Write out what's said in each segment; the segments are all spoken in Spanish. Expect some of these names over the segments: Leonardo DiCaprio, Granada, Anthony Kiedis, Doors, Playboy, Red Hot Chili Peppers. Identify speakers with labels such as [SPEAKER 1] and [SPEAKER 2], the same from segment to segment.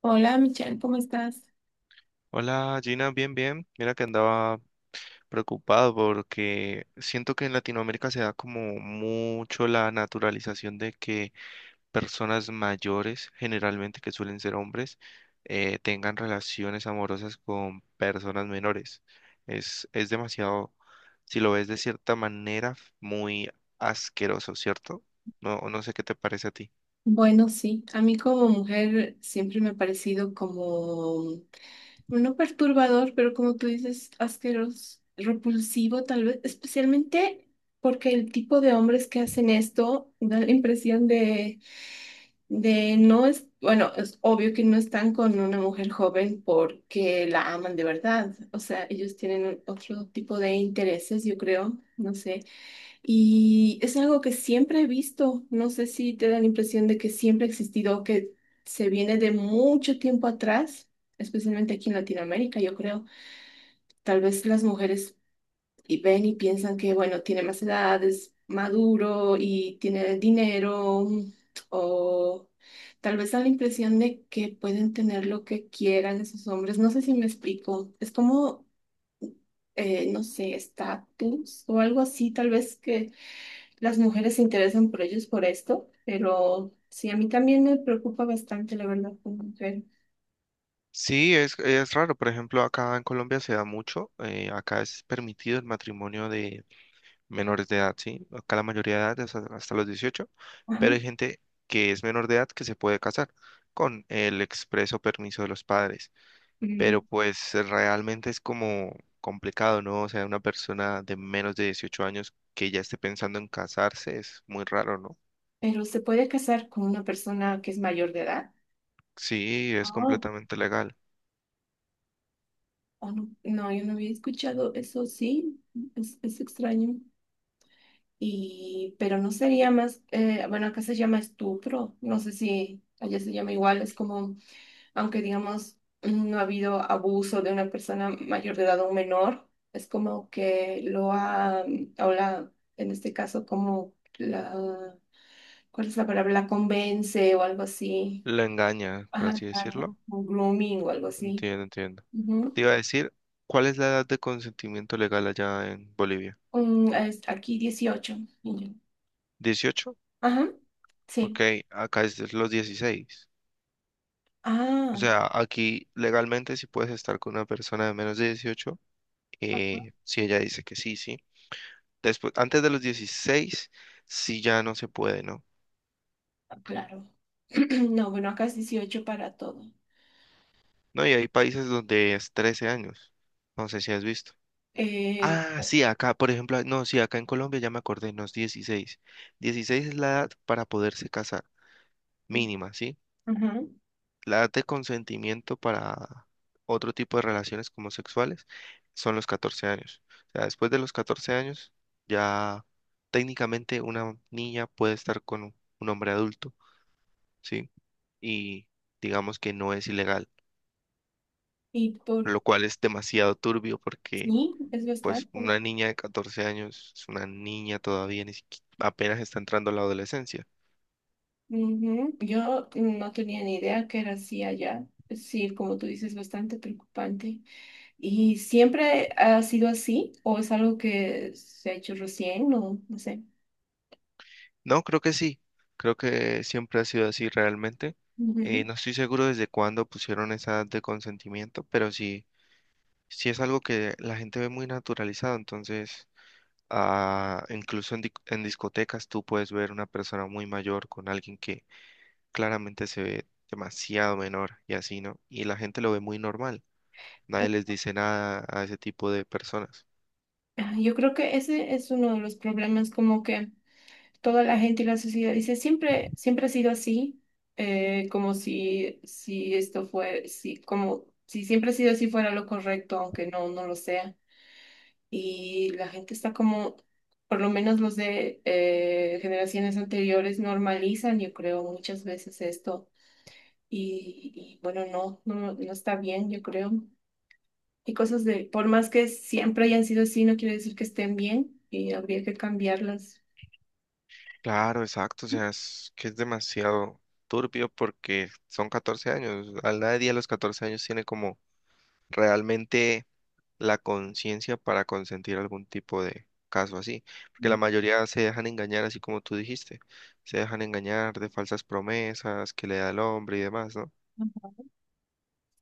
[SPEAKER 1] Hola Michelle, ¿cómo estás?
[SPEAKER 2] Hola Gina, bien, bien. Mira que andaba preocupado porque siento que en Latinoamérica se da como mucho la naturalización de que personas mayores, generalmente que suelen ser hombres, tengan relaciones amorosas con personas menores. Es demasiado, si lo ves de cierta manera, muy asqueroso, ¿cierto? No, no sé qué te parece a ti.
[SPEAKER 1] Bueno, sí, a mí como mujer siempre me ha parecido como, no perturbador, pero como tú dices, asqueroso, repulsivo tal vez, especialmente porque el tipo de hombres que hacen esto da la impresión de no es, bueno, es obvio que no están con una mujer joven porque la aman de verdad, o sea, ellos tienen otro tipo de intereses, yo creo, no sé. Y es algo que siempre he visto, no sé si te da la impresión de que siempre ha existido, que se viene de mucho tiempo atrás, especialmente aquí en Latinoamérica, yo creo. Tal vez las mujeres y ven y piensan que, bueno, tiene más edad, es maduro y tiene dinero, o tal vez da la impresión de que pueden tener lo que quieran esos hombres, no sé si me explico, es como, no sé, estatus o algo así, tal vez que las mujeres se interesan por ellos por esto, pero sí, a mí también me preocupa bastante, la verdad, como mujer.
[SPEAKER 2] Sí, es raro. Por ejemplo, acá en Colombia se da mucho. Acá es permitido el matrimonio de menores de edad, sí. Acá la mayoría de edad es hasta los 18,
[SPEAKER 1] Ajá.
[SPEAKER 2] pero hay gente que es menor de edad que se puede casar con el expreso permiso de los padres.
[SPEAKER 1] Mm.
[SPEAKER 2] Pero pues realmente es como complicado, ¿no? O sea, una persona de menos de 18 años que ya esté pensando en casarse es muy raro, ¿no?
[SPEAKER 1] Pero se puede casar con una persona que es mayor de edad.
[SPEAKER 2] Sí, es
[SPEAKER 1] Ah,
[SPEAKER 2] completamente legal.
[SPEAKER 1] ¿o no? No, yo no había escuchado eso, sí, es extraño. Y, pero no sería más, bueno, acá se llama estupro, no sé si allá se llama igual, es como aunque digamos no ha habido abuso de una persona mayor de edad o un menor, es como que lo ha, o la, en este caso, como la, ¿cuál es la palabra? La convence o algo así.
[SPEAKER 2] Lo engaña, por
[SPEAKER 1] Ajá,
[SPEAKER 2] así
[SPEAKER 1] claro,
[SPEAKER 2] decirlo.
[SPEAKER 1] un grooming o algo así.
[SPEAKER 2] Entiendo, entiendo.
[SPEAKER 1] Ujú.
[SPEAKER 2] Te iba a decir, ¿cuál es la edad de consentimiento legal allá en Bolivia?
[SPEAKER 1] Mm, es aquí dieciocho niño.
[SPEAKER 2] ¿18?
[SPEAKER 1] Ajá,
[SPEAKER 2] Ok,
[SPEAKER 1] sí.
[SPEAKER 2] acá es de los 16. O
[SPEAKER 1] Ah,
[SPEAKER 2] sea, aquí legalmente sí puedes estar con una persona de menos de 18,
[SPEAKER 1] ajá,
[SPEAKER 2] si ella dice que sí, sí. Después, antes de los 16, sí ya no se puede, ¿no?
[SPEAKER 1] ah, claro. No, bueno, acá es dieciocho para todo.
[SPEAKER 2] No, y hay países donde es 13 años. No sé si has visto.
[SPEAKER 1] Eh,
[SPEAKER 2] Ah, sí, acá, por ejemplo, no, sí, acá en Colombia ya me acordé, no es dieciséis. 16 es la edad para poderse casar, mínima, ¿sí?
[SPEAKER 1] ujú.
[SPEAKER 2] La edad de consentimiento para otro tipo de relaciones como sexuales son los 14 años. O sea, después de los 14 años, ya técnicamente una niña puede estar con un hombre adulto, ¿sí? Y digamos que no es ilegal,
[SPEAKER 1] Y por...
[SPEAKER 2] lo cual es demasiado turbio porque
[SPEAKER 1] Sí, es
[SPEAKER 2] pues
[SPEAKER 1] bastante.
[SPEAKER 2] una niña de 14 años es una niña todavía, ni siqui- apenas está entrando a la adolescencia.
[SPEAKER 1] Ujú. Yo no tenía ni idea que era así allá. Sí, como tú dices, bastante preocupante. ¿Y siempre ha sido así? ¿O es algo que se ha hecho recién? No, no sé.
[SPEAKER 2] No, creo que sí. Creo que siempre ha sido así realmente.
[SPEAKER 1] Ujú.
[SPEAKER 2] No estoy seguro desde cuándo pusieron esa edad de consentimiento, pero sí, sí es algo que la gente ve muy naturalizado. Entonces, incluso en discotecas tú puedes ver una persona muy mayor con alguien que claramente se ve demasiado menor y así, ¿no? Y la gente lo ve muy normal. Nadie les dice nada a ese tipo de personas.
[SPEAKER 1] Ah, yo creo que ese es uno de los problemas, como que toda la gente y la sociedad dice, siempre, siempre ha sido así, como si esto fue, si, como si siempre ha sido así fuera lo correcto, aunque no, no lo sea. Y la gente está como, por lo menos los de generaciones anteriores normalizan, yo creo, muchas veces esto y, y, bueno, no, no, no está bien, yo creo. Y cosas de, por más que siempre hayan sido así, no quiere decir que estén bien y habría que cambiarlas.
[SPEAKER 2] Claro, exacto, o sea, es que es demasiado turbio porque son 14 años, a nadie a los 14 años tiene como realmente la conciencia para consentir algún tipo de caso así, porque la mayoría se dejan engañar, así como tú dijiste, se dejan engañar de falsas promesas que le da el hombre y demás, ¿no?
[SPEAKER 1] Mm.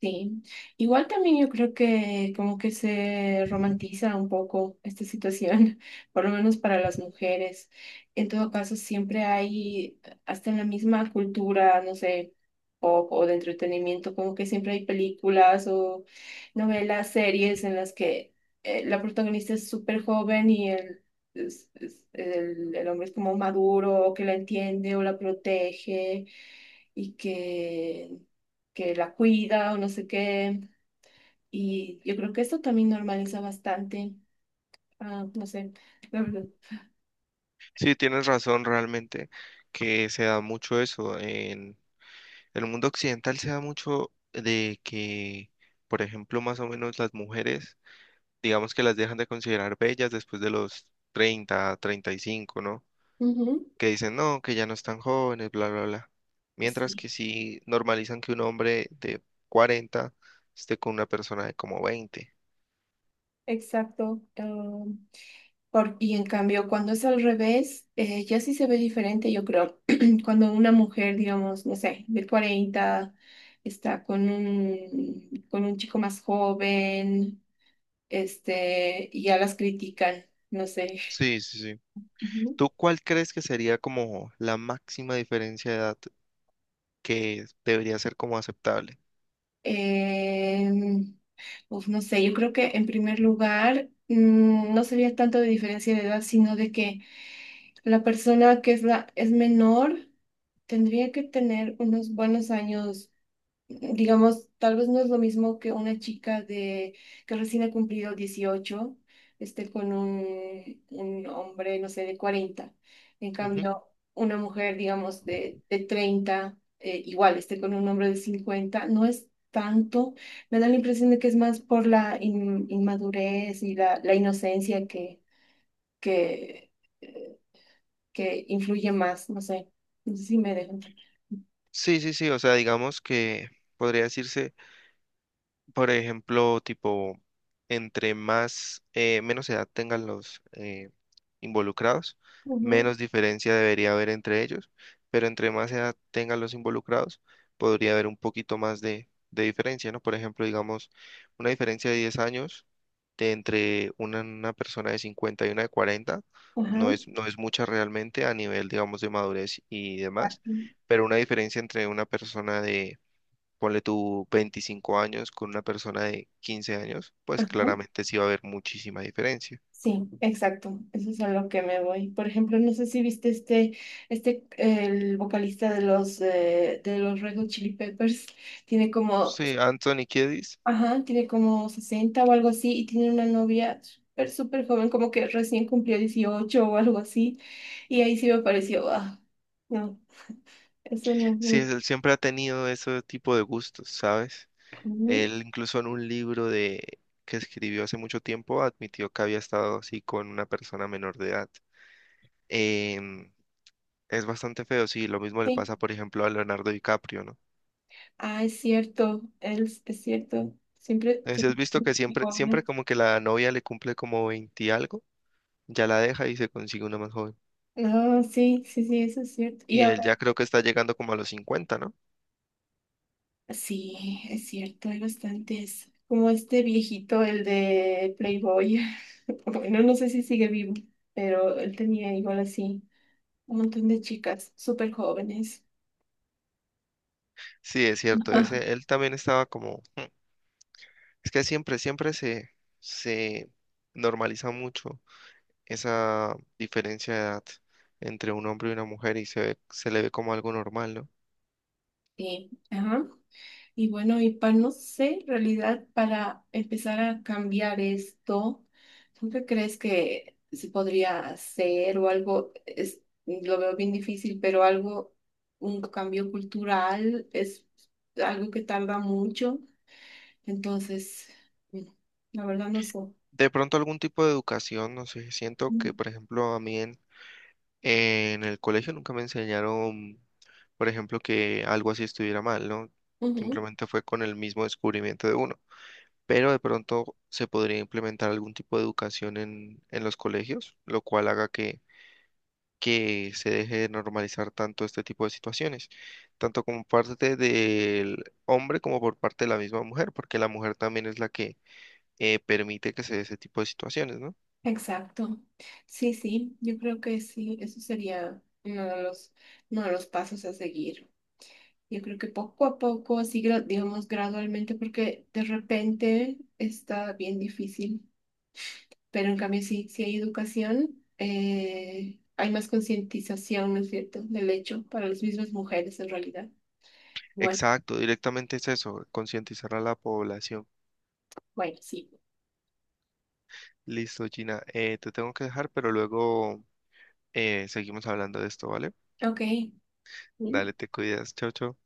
[SPEAKER 1] Sí, igual también yo creo que como que se romantiza un poco esta situación, por lo menos para las mujeres. En todo caso, siempre hay, hasta en la misma cultura, no sé, pop o de entretenimiento, como que siempre hay películas o novelas, series en las que la protagonista es súper joven y el hombre es como maduro, o que la entiende o la protege y que la cuida o no sé qué. Y yo creo que esto también normaliza bastante, ah, no sé, la verdad.
[SPEAKER 2] Sí, tienes razón realmente que se da mucho eso. En el mundo occidental se da mucho de que, por ejemplo, más o menos las mujeres, digamos que las dejan de considerar bellas después de los treinta, treinta y cinco, ¿no?
[SPEAKER 1] Ujú.
[SPEAKER 2] Que dicen, no, que ya no están jóvenes, bla, bla, bla. Mientras que
[SPEAKER 1] Sí,
[SPEAKER 2] sí normalizan que un hombre de cuarenta esté con una persona de como veinte.
[SPEAKER 1] exacto. Y en cambio, cuando es al revés, ya sí se ve diferente, yo creo. Cuando una mujer, digamos, no sé, de 40 está con un chico más joven, este, y ya las critican, no sé.
[SPEAKER 2] Sí, sí, sí.
[SPEAKER 1] Ujú.
[SPEAKER 2] ¿Tú cuál crees que sería como la máxima diferencia de edad que debería ser como aceptable?
[SPEAKER 1] Em, Uf, no sé, yo creo que en primer lugar no sería tanto de diferencia de edad, sino de que la persona que es la es menor tendría que tener unos buenos años digamos, tal vez no es lo mismo que una chica de que recién ha cumplido 18 esté con un hombre, no sé, de 40. En cambio, una mujer, digamos, de 30, igual esté con un hombre de 50, no es tanto. Me da la impresión de que es más por la inmadurez y la inocencia que, eh, que influye más, no sé. No sé si me dejan.
[SPEAKER 2] Sí, sí, sí, o sea, digamos que podría decirse. Por ejemplo, tipo, entre más, menos edad tengan los involucrados,
[SPEAKER 1] Ujú,
[SPEAKER 2] menos diferencia debería haber entre ellos, pero entre más edad tengan los involucrados, podría haber un poquito más de diferencia, ¿no? Por ejemplo, digamos, una diferencia de 10 años de entre una persona de 50 y una de 40
[SPEAKER 1] ajá.
[SPEAKER 2] no es mucha realmente a nivel, digamos, de madurez y demás, pero una diferencia entre una persona de ponle tú 25 años con una persona de 15 años, pues
[SPEAKER 1] Ajá.
[SPEAKER 2] claramente sí va a haber muchísima diferencia.
[SPEAKER 1] Sí, exacto. Eso es a lo que me voy. Por ejemplo, no sé si viste el vocalista de los Red Hot Chili Peppers tiene como,
[SPEAKER 2] Sí, Anthony Kiedis,
[SPEAKER 1] ajá, tiene como 60 o algo así y tiene una novia súper, súper joven, como que recién cumplió 18 o algo así. Y ahí sí me pareció, ah, no, eso no.
[SPEAKER 2] sí,
[SPEAKER 1] No,
[SPEAKER 2] él siempre ha tenido ese tipo de gustos, ¿sabes?
[SPEAKER 1] no.
[SPEAKER 2] Él incluso en un libro de que escribió hace mucho tiempo admitió que había estado así con una persona menor de edad. Em, es bastante feo, sí, lo mismo le
[SPEAKER 1] Sí.
[SPEAKER 2] pasa, por ejemplo, a Leonardo DiCaprio, ¿no?
[SPEAKER 1] Ah, es cierto, es cierto. Siempre
[SPEAKER 2] Si has
[SPEAKER 1] tiene
[SPEAKER 2] visto que siempre,
[SPEAKER 1] jóvenes.
[SPEAKER 2] siempre como que la novia le cumple como 20 y algo, ya la deja y se consigue una más joven.
[SPEAKER 1] No, sí, sí, sí, eso es cierto. Y...
[SPEAKER 2] Y él ya creo que está llegando como a los cincuenta, ¿no?
[SPEAKER 1] Sí, es cierto, hay bastantes. Como este viejito, el de Playboy. Bueno, no sé si sigue vivo, pero él tenía igual así un montón de chicas súper jóvenes.
[SPEAKER 2] Sí, es cierto,
[SPEAKER 1] Ajá.
[SPEAKER 2] ese, él también estaba como, "Hmm". Es que siempre, siempre se normaliza mucho esa diferencia de edad entre un hombre y una mujer y se le ve como algo normal, ¿no?
[SPEAKER 1] Sí, ajá. Y bueno, y para, no sé, en realidad, para empezar a cambiar esto, ¿tú qué crees que se podría hacer o algo? Es, lo veo bien difícil, pero algo, un cambio cultural es algo que tarda mucho. Entonces, mm, la verdad no sé.
[SPEAKER 2] De pronto algún tipo de educación, no sé, siento
[SPEAKER 1] Ujú,
[SPEAKER 2] que, por ejemplo, a mí en el colegio nunca me enseñaron, por ejemplo, que algo así estuviera mal, ¿no?
[SPEAKER 1] ujú,
[SPEAKER 2] Simplemente fue con el mismo descubrimiento de uno. Pero de pronto se podría implementar algún tipo de educación en los colegios, lo cual haga que se deje de normalizar tanto este tipo de situaciones, tanto como parte del hombre como por parte de la misma mujer, porque la mujer también es la que permite que se dé ese tipo de situaciones, ¿no?
[SPEAKER 1] exacto. Sí, sí, yo creo que sí, eso sería uno de los pasos a seguir. Yo creo que poco a poco, así, digamos, gradualmente, porque de repente está bien difícil, pero en cambio sí, sí hay educación, hay más concientización, ¿no es cierto?, del hecho para las mismas mujeres en realidad. Bueno,
[SPEAKER 2] Exacto, directamente es eso, concientizar a la población.
[SPEAKER 1] bueno, sí.
[SPEAKER 2] Listo, Gina, te tengo que dejar, pero luego seguimos hablando de esto, ¿vale?
[SPEAKER 1] Ok.
[SPEAKER 2] Dale, te cuidas, chao, chao.